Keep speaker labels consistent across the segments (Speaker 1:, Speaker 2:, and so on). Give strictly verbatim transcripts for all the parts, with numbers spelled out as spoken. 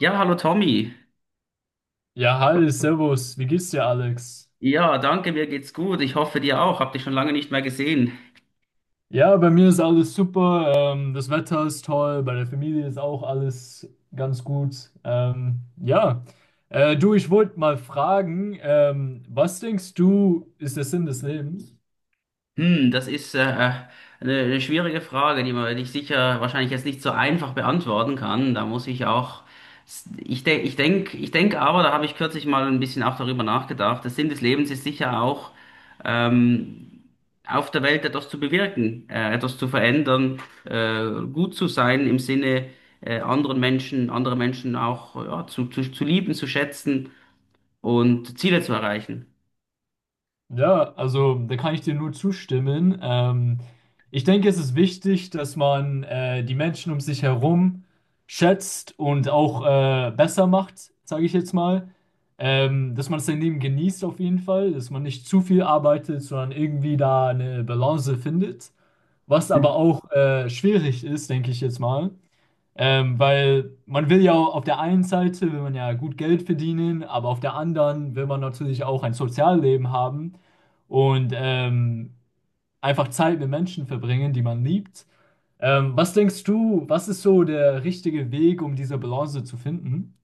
Speaker 1: Ja, hallo Tommy.
Speaker 2: Ja, hi, servus, wie geht's dir, Alex?
Speaker 1: Ja, danke, mir geht's gut. Ich hoffe dir auch. Hab dich schon lange nicht mehr gesehen.
Speaker 2: Ja, bei mir ist alles super, ähm, das Wetter ist toll, bei der Familie ist auch alles ganz gut. Ähm, ja, äh, Du, ich wollte mal fragen, ähm, was denkst du, ist der Sinn des Lebens?
Speaker 1: Hm, das ist äh, eine, eine schwierige Frage, die man dich sicher wahrscheinlich jetzt nicht so einfach beantworten kann. Da muss ich auch, ich denke, ich denk, ich denk aber, da habe ich kürzlich mal ein bisschen auch darüber nachgedacht. Der Sinn des Lebens ist sicher auch, ähm, auf der Welt etwas zu bewirken, äh, etwas zu verändern, äh, gut zu sein im Sinne, äh, anderen Menschen, andere Menschen auch ja, zu, zu, zu lieben, zu schätzen und Ziele zu erreichen.
Speaker 2: Ja, also da kann ich dir nur zustimmen. Ähm, ich denke, es ist wichtig, dass man äh, die Menschen um sich herum schätzt und auch äh, besser macht, sage ich jetzt mal. Ähm, dass man sein Leben genießt auf jeden Fall, dass man nicht zu viel arbeitet, sondern irgendwie da eine Balance findet. Was aber auch äh, schwierig ist, denke ich jetzt mal. Ähm, weil man will ja auf der einen Seite will man ja gut Geld verdienen, aber auf der anderen will man natürlich auch ein Sozialleben haben und ähm, einfach Zeit mit Menschen verbringen, die man liebt. Ähm, was denkst du, was ist so der richtige Weg, um diese Balance zu finden?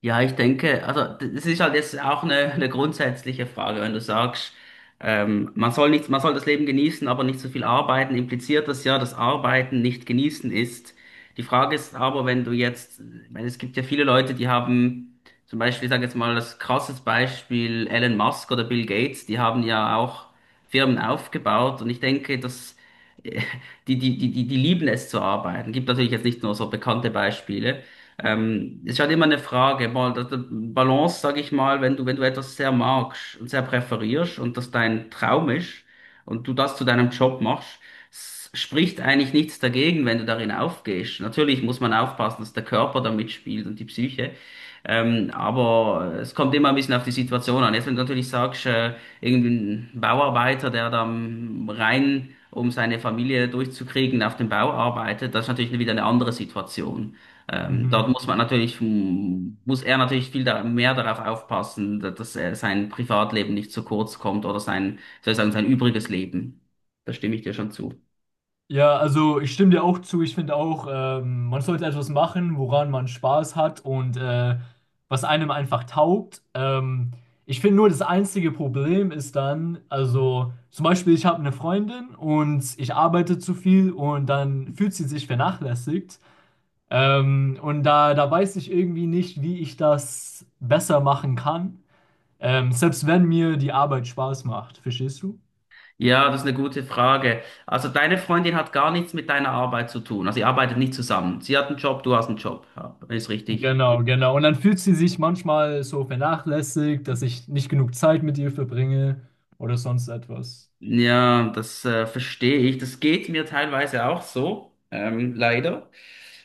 Speaker 1: Ja, ich denke, also das ist halt jetzt auch eine, eine grundsätzliche Frage, wenn du sagst, ähm, man soll nichts, man soll das Leben genießen, aber nicht so viel arbeiten, impliziert das ja, dass Arbeiten nicht genießen ist. Die Frage ist aber, wenn du jetzt, ich meine, es gibt ja viele Leute, die haben zum Beispiel, ich sage jetzt mal das krasses Beispiel, Elon Musk oder Bill Gates, die haben ja auch Firmen aufgebaut, und ich denke, dass äh, die, die, die, die, die lieben es zu arbeiten. Gibt natürlich jetzt nicht nur so bekannte Beispiele. Ähm, ist halt immer eine Frage, mal, das- das Balance, sag ich mal, wenn du, wenn du etwas sehr magst und sehr präferierst und das dein Traum ist und du das zu deinem Job machst, s- spricht eigentlich nichts dagegen, wenn du darin aufgehst. Natürlich muss man aufpassen, dass der Körper da mitspielt und die Psyche. Ähm, aber es kommt immer ein bisschen auf die Situation an. Jetzt, wenn du natürlich sagst, äh, irgendein Bauarbeiter, der da am rein, um seine Familie durchzukriegen, auf dem Bau arbeitet, das ist natürlich wieder eine andere Situation. Ähm, dort
Speaker 2: Mhm.
Speaker 1: muss man natürlich, hm, muss er natürlich viel da, mehr darauf aufpassen, da- dass er sein Privatleben nicht zu kurz kommt oder sein, soll ich sagen, sein übriges Leben. Da stimme ich dir schon zu.
Speaker 2: Ja, also ich stimme dir auch zu. Ich finde auch, ähm, man sollte etwas machen, woran man Spaß hat und äh, was einem einfach taugt. Ähm, ich finde nur, das einzige Problem ist dann, also zum Beispiel, ich habe eine Freundin und ich arbeite zu viel und dann fühlt sie sich vernachlässigt. Ähm, und da, da weiß ich irgendwie nicht, wie ich das besser machen kann, ähm, selbst wenn mir die Arbeit Spaß macht. Verstehst du?
Speaker 1: Ja, das ist eine gute Frage. Also deine Freundin hat gar nichts mit deiner Arbeit zu tun. Also ihr arbeitet nicht zusammen. Sie hat einen Job, du hast einen Job. Ja, ist richtig.
Speaker 2: Genau, genau. Und dann fühlt sie sich manchmal so vernachlässigt, dass ich nicht genug Zeit mit ihr verbringe oder sonst etwas.
Speaker 1: Ja, das äh, verstehe ich. Das geht mir teilweise auch so, ähm, leider.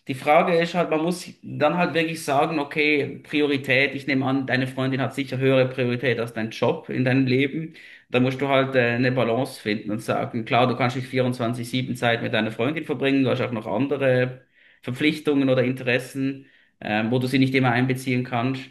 Speaker 1: Die Frage ist halt, man muss dann halt wirklich sagen, okay, Priorität, ich nehme an, deine Freundin hat sicher höhere Priorität als dein Job in deinem Leben. Da musst du halt äh, eine Balance finden und sagen, klar, du kannst nicht vierundzwanzig sieben Zeit mit deiner Freundin verbringen, du hast auch noch andere Verpflichtungen oder Interessen, ähm, wo du sie nicht immer einbeziehen kannst.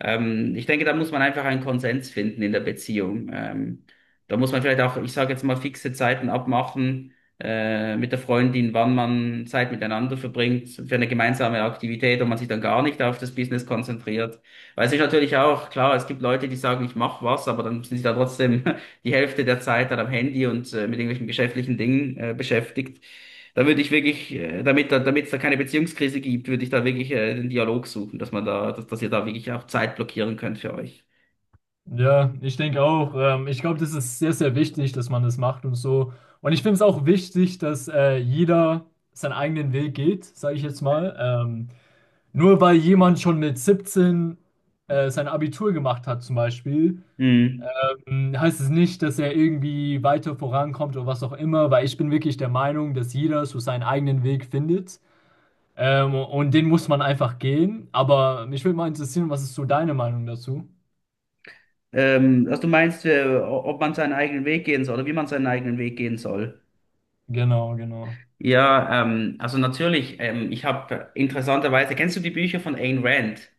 Speaker 1: Ähm, ich denke, da muss man einfach einen Konsens finden in der Beziehung. Ähm, da muss man vielleicht auch, ich sage jetzt mal, fixe Zeiten abmachen äh, mit der Freundin, wann man Zeit miteinander verbringt für eine gemeinsame Aktivität und man sich dann gar nicht auf das Business konzentriert. Weil es ist natürlich auch klar, es gibt Leute, die sagen, ich mache was, aber dann sind sie da trotzdem die Hälfte der Zeit dann am Handy und äh, mit irgendwelchen geschäftlichen Dingen äh, beschäftigt. Da würde ich wirklich, äh, damit da, damit es da keine Beziehungskrise gibt, würde ich da wirklich äh, den Dialog suchen, dass man da, dass, dass ihr da wirklich auch Zeit blockieren könnt für euch.
Speaker 2: Ja, ich denke auch. Ähm, ich glaube, das ist sehr, sehr wichtig, dass man das macht und so. Und ich finde es auch wichtig, dass äh, jeder seinen eigenen Weg geht, sage ich jetzt mal. Ähm, nur weil jemand schon mit siebzehn äh, sein Abitur gemacht hat, zum Beispiel,
Speaker 1: Hm.
Speaker 2: ähm, heißt es nicht, dass er irgendwie weiter vorankommt oder was auch immer, weil ich bin wirklich der Meinung, dass jeder so seinen eigenen Weg findet. Ähm, und den muss man einfach gehen. Aber mich würde mal interessieren, was ist so deine Meinung dazu?
Speaker 1: Ähm, also du meinst, äh, ob man seinen eigenen Weg gehen soll oder wie man seinen eigenen Weg gehen soll?
Speaker 2: Genau, genau.
Speaker 1: Ja, ähm, also natürlich, ähm, ich habe interessanterweise, kennst du die Bücher von Ayn Rand?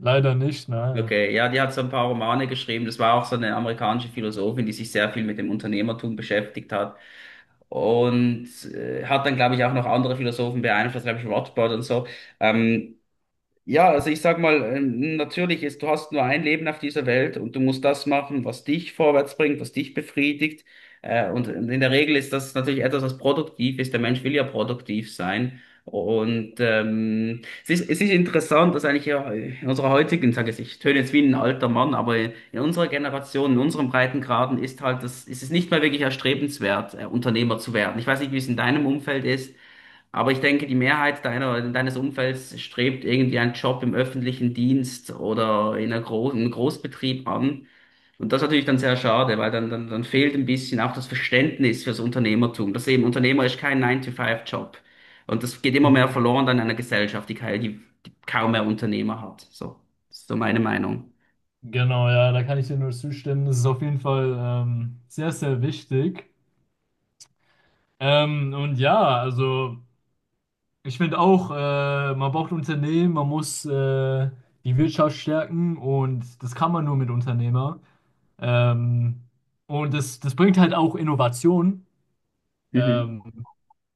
Speaker 2: Leider nicht, nein.
Speaker 1: Okay, ja, die hat so ein paar Romane geschrieben. Das war auch so eine amerikanische Philosophin, die sich sehr viel mit dem Unternehmertum beschäftigt hat. Und äh, hat dann, glaube ich, auch noch andere Philosophen beeinflusst, glaube ich, Rothbard und so. Ähm, Ja, also ich sag mal, ähm, natürlich ist, du hast nur ein Leben auf dieser Welt und du musst das machen, was dich vorwärts bringt, was dich befriedigt. Äh, und in der Regel ist das natürlich etwas, was produktiv ist. Der Mensch will ja produktiv sein. Und ähm, es ist, es ist interessant, dass eigentlich ja in unserer heutigen, sage ich, ich töne jetzt wie ein alter Mann, aber in unserer Generation, in unserem Breitengraden ist halt das, ist es nicht mehr wirklich erstrebenswert, äh, Unternehmer zu werden. Ich weiß nicht, wie es in deinem Umfeld ist. Aber ich denke, die Mehrheit deiner, deines Umfelds strebt irgendwie einen Job im öffentlichen Dienst oder in einer Gro einem Großbetrieb an. Und das ist natürlich dann sehr schade, weil dann, dann, dann fehlt ein bisschen auch das Verständnis fürs Unternehmertum. Das eben, Unternehmer ist kein Nine to Five job. Und das geht immer mehr
Speaker 2: Mhm.
Speaker 1: verloren dann in einer Gesellschaft, die, kei- die, die kaum mehr Unternehmer hat. So, das ist so meine Meinung.
Speaker 2: Genau, ja, da kann ich dir nur zustimmen. Das ist auf jeden Fall ähm, sehr, sehr wichtig. Ähm, und ja, also ich finde auch, äh, man braucht Unternehmen, man muss äh, die Wirtschaft stärken und das kann man nur mit Unternehmer. Ähm, und das, das bringt halt auch Innovation
Speaker 1: Mhm.
Speaker 2: ähm,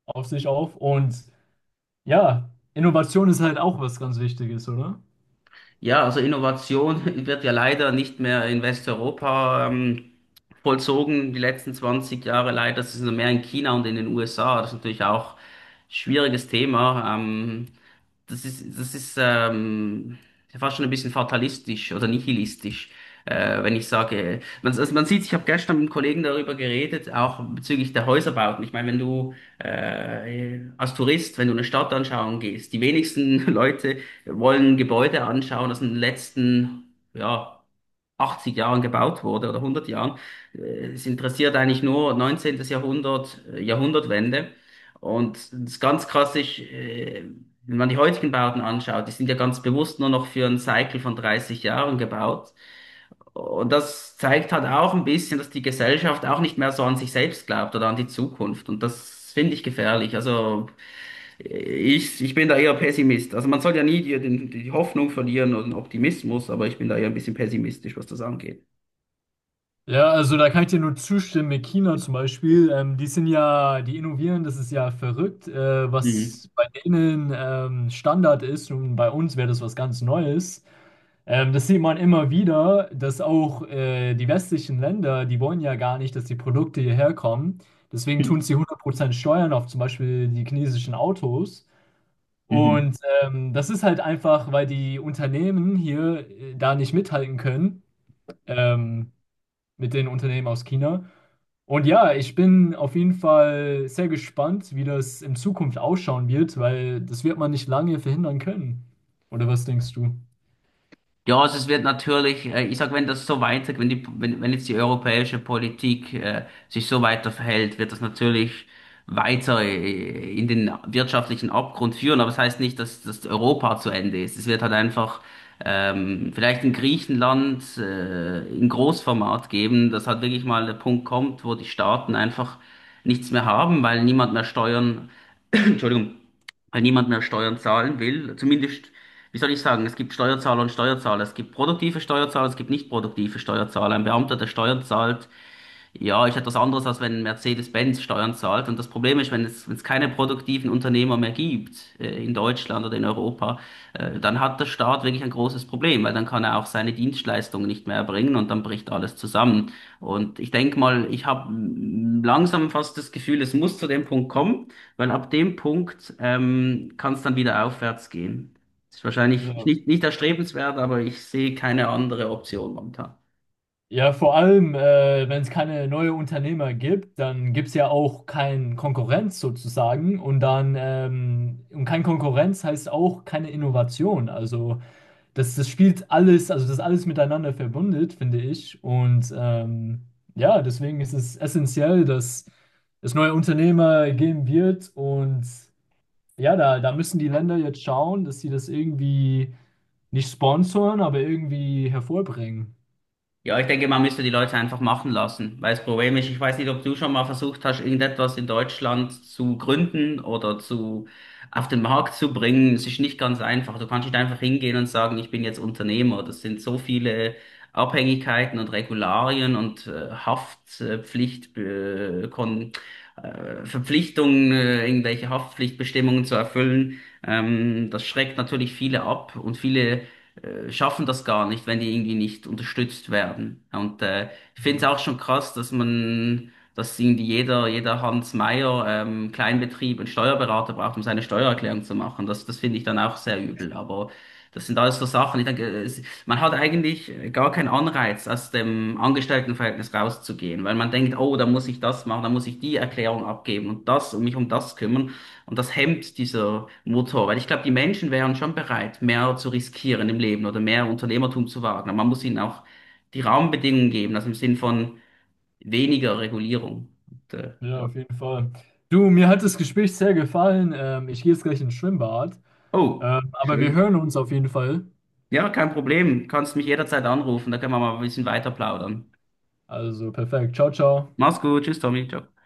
Speaker 2: auf sich auf. Und ja, Innovation ist halt auch was ganz Wichtiges, oder?
Speaker 1: Ja, also Innovation wird ja leider nicht mehr in Westeuropa ähm, vollzogen, die letzten zwanzig Jahre leider. Das ist nur mehr in China und in den U S A. Das ist natürlich auch ein schwieriges Thema. Ähm, das ist, das ist ähm, ja fast schon ein bisschen fatalistisch oder nihilistisch, äh, wenn ich sage, man, also man sieht, ich habe gestern mit einem Kollegen darüber geredet, auch bezüglich der Häuserbauten. Ich meine, wenn du äh, als Tourist, wenn du eine Stadt anschauen gehst, die wenigsten Leute wir wollen Gebäude anschauen, das in den letzten, ja, achtzig Jahren gebaut wurde oder hundert Jahren. Äh, Es interessiert eigentlich nur neunzehnten. Jahrhundert, äh, Jahrhundertwende. Und das ist ganz klassisch, äh, wenn man die heutigen Bauten anschaut, die sind ja ganz bewusst nur noch für einen Cycle von dreißig Jahren gebaut. Und das zeigt halt auch ein bisschen, dass die Gesellschaft auch nicht mehr so an sich selbst glaubt oder an die Zukunft. Und das finde ich gefährlich. Also ich, ich bin da eher Pessimist. Also man soll ja nie die, den- die Hoffnung verlieren und den Optimismus, aber ich bin da eher ein bisschen pessimistisch, was das angeht.
Speaker 2: Ja, also da kann ich dir nur zustimmen. Mit China zum Beispiel, ähm, die sind ja, die innovieren, das ist ja verrückt, äh,
Speaker 1: Mhm.
Speaker 2: was bei denen ähm, Standard ist und bei uns wäre das was ganz Neues. Ähm, das sieht man immer wieder, dass auch äh, die westlichen Länder, die wollen ja gar nicht, dass die Produkte hierher kommen. Deswegen tun sie hundert Prozent Steuern auf zum Beispiel die chinesischen Autos.
Speaker 1: Mhm.
Speaker 2: Und ähm, das ist halt einfach, weil die Unternehmen hier äh, da nicht mithalten können, ähm, mit den Unternehmen aus China. Und ja, ich bin auf jeden Fall sehr gespannt, wie das in Zukunft ausschauen wird, weil das wird man nicht lange verhindern können. Oder was denkst du?
Speaker 1: Ja, also es wird natürlich, äh, ich sag, wenn das so weiter, wenn die, wenn, wenn jetzt die europäische Politik äh, sich so weiter verhält, wird das natürlich weiter äh, in den wirtschaftlichen Abgrund führen. Aber es das heißt nicht, dass, dass Europa zu Ende ist. Es wird halt einfach ähm, vielleicht in Griechenland äh, in Großformat geben, dass halt wirklich mal der Punkt kommt, wo die Staaten einfach nichts mehr haben, weil niemand mehr Steuern Entschuldigung, weil niemand mehr Steuern zahlen will. Zumindest, wie soll ich sagen, es gibt Steuerzahler und Steuerzahler. Es gibt produktive Steuerzahler, es gibt nicht produktive Steuerzahler. Ein Beamter, der Steuern zahlt, ja, ist etwas anderes, als wenn Mercedes-Benz Steuern zahlt. Und das Problem ist, wenn es, wenn es keine produktiven Unternehmer mehr gibt, äh, in Deutschland oder in Europa, äh, dann hat der Staat wirklich ein großes Problem, weil dann kann er auch seine Dienstleistungen nicht mehr erbringen und dann bricht alles zusammen. Und ich denke mal, ich habe langsam fast das Gefühl, es muss zu dem Punkt kommen, weil ab dem Punkt, ähm, kann es dann wieder aufwärts gehen. Ist wahrscheinlich
Speaker 2: Ja,
Speaker 1: nicht, nicht erstrebenswert, aber ich sehe keine andere Option momentan.
Speaker 2: ja vor allem, äh, wenn es keine neuen Unternehmer gibt, dann gibt es ja auch keinen Konkurrenz sozusagen. Und dann, ähm, und kein Konkurrenz heißt auch keine Innovation. Also das, das spielt alles, also das ist alles miteinander verbundet, finde ich. Und ähm, ja, deswegen ist es essentiell, dass es neue Unternehmer geben wird. Und ja, da, da müssen die Länder jetzt schauen, dass sie das irgendwie nicht sponsoren, aber irgendwie hervorbringen.
Speaker 1: Ja, ich denke, man müsste die Leute einfach machen lassen, weil das Problem ist, ich weiß nicht, ob du schon mal versucht hast, irgendetwas in Deutschland zu gründen oder zu, auf den Markt zu bringen. Es ist nicht ganz einfach. Du kannst nicht einfach hingehen und sagen, ich bin jetzt Unternehmer. Das sind so viele Abhängigkeiten und Regularien und äh, Haftpflicht, äh, Kon äh, Verpflichtungen, äh, irgendwelche Haftpflichtbestimmungen zu erfüllen. Ähm, das schreckt natürlich viele ab, und viele äh, schaffen das gar nicht, wenn die irgendwie nicht unterstützt werden. Ja, und äh, ich finde es
Speaker 2: Mhm.
Speaker 1: auch schon krass, dass man, dass irgendwie jeder, jeder Hans Meier, ähm, Kleinbetrieb einen Steuerberater braucht, um seine Steuererklärung zu machen. Das, das finde ich dann auch sehr übel. Aber das sind alles so Sachen. Ich denke, es, man hat eigentlich gar keinen Anreiz, aus dem Angestelltenverhältnis rauszugehen, weil man denkt, oh, da muss ich das machen, da muss ich die Erklärung abgeben und das und mich um das kümmern. Und das hemmt dieser Motor, weil ich glaube, die Menschen wären schon bereit, mehr zu riskieren im Leben oder mehr Unternehmertum zu wagen. Aber man muss ihnen auch die Rahmenbedingungen geben, also im Sinn von weniger Regulierung. Und, äh,
Speaker 2: Ja,
Speaker 1: ja.
Speaker 2: auf jeden Fall. Du, mir hat das Gespräch sehr gefallen. Ähm, ich gehe jetzt gleich ins Schwimmbad.
Speaker 1: Oh,
Speaker 2: Ähm, aber wir
Speaker 1: schön.
Speaker 2: hören uns auf jeden Fall.
Speaker 1: Ja, kein Problem. Kannst mich jederzeit anrufen, da können wir mal ein bisschen weiter plaudern.
Speaker 2: Also perfekt. Ciao, ciao.
Speaker 1: Mach's gut, tschüss, Tommy. Ciao.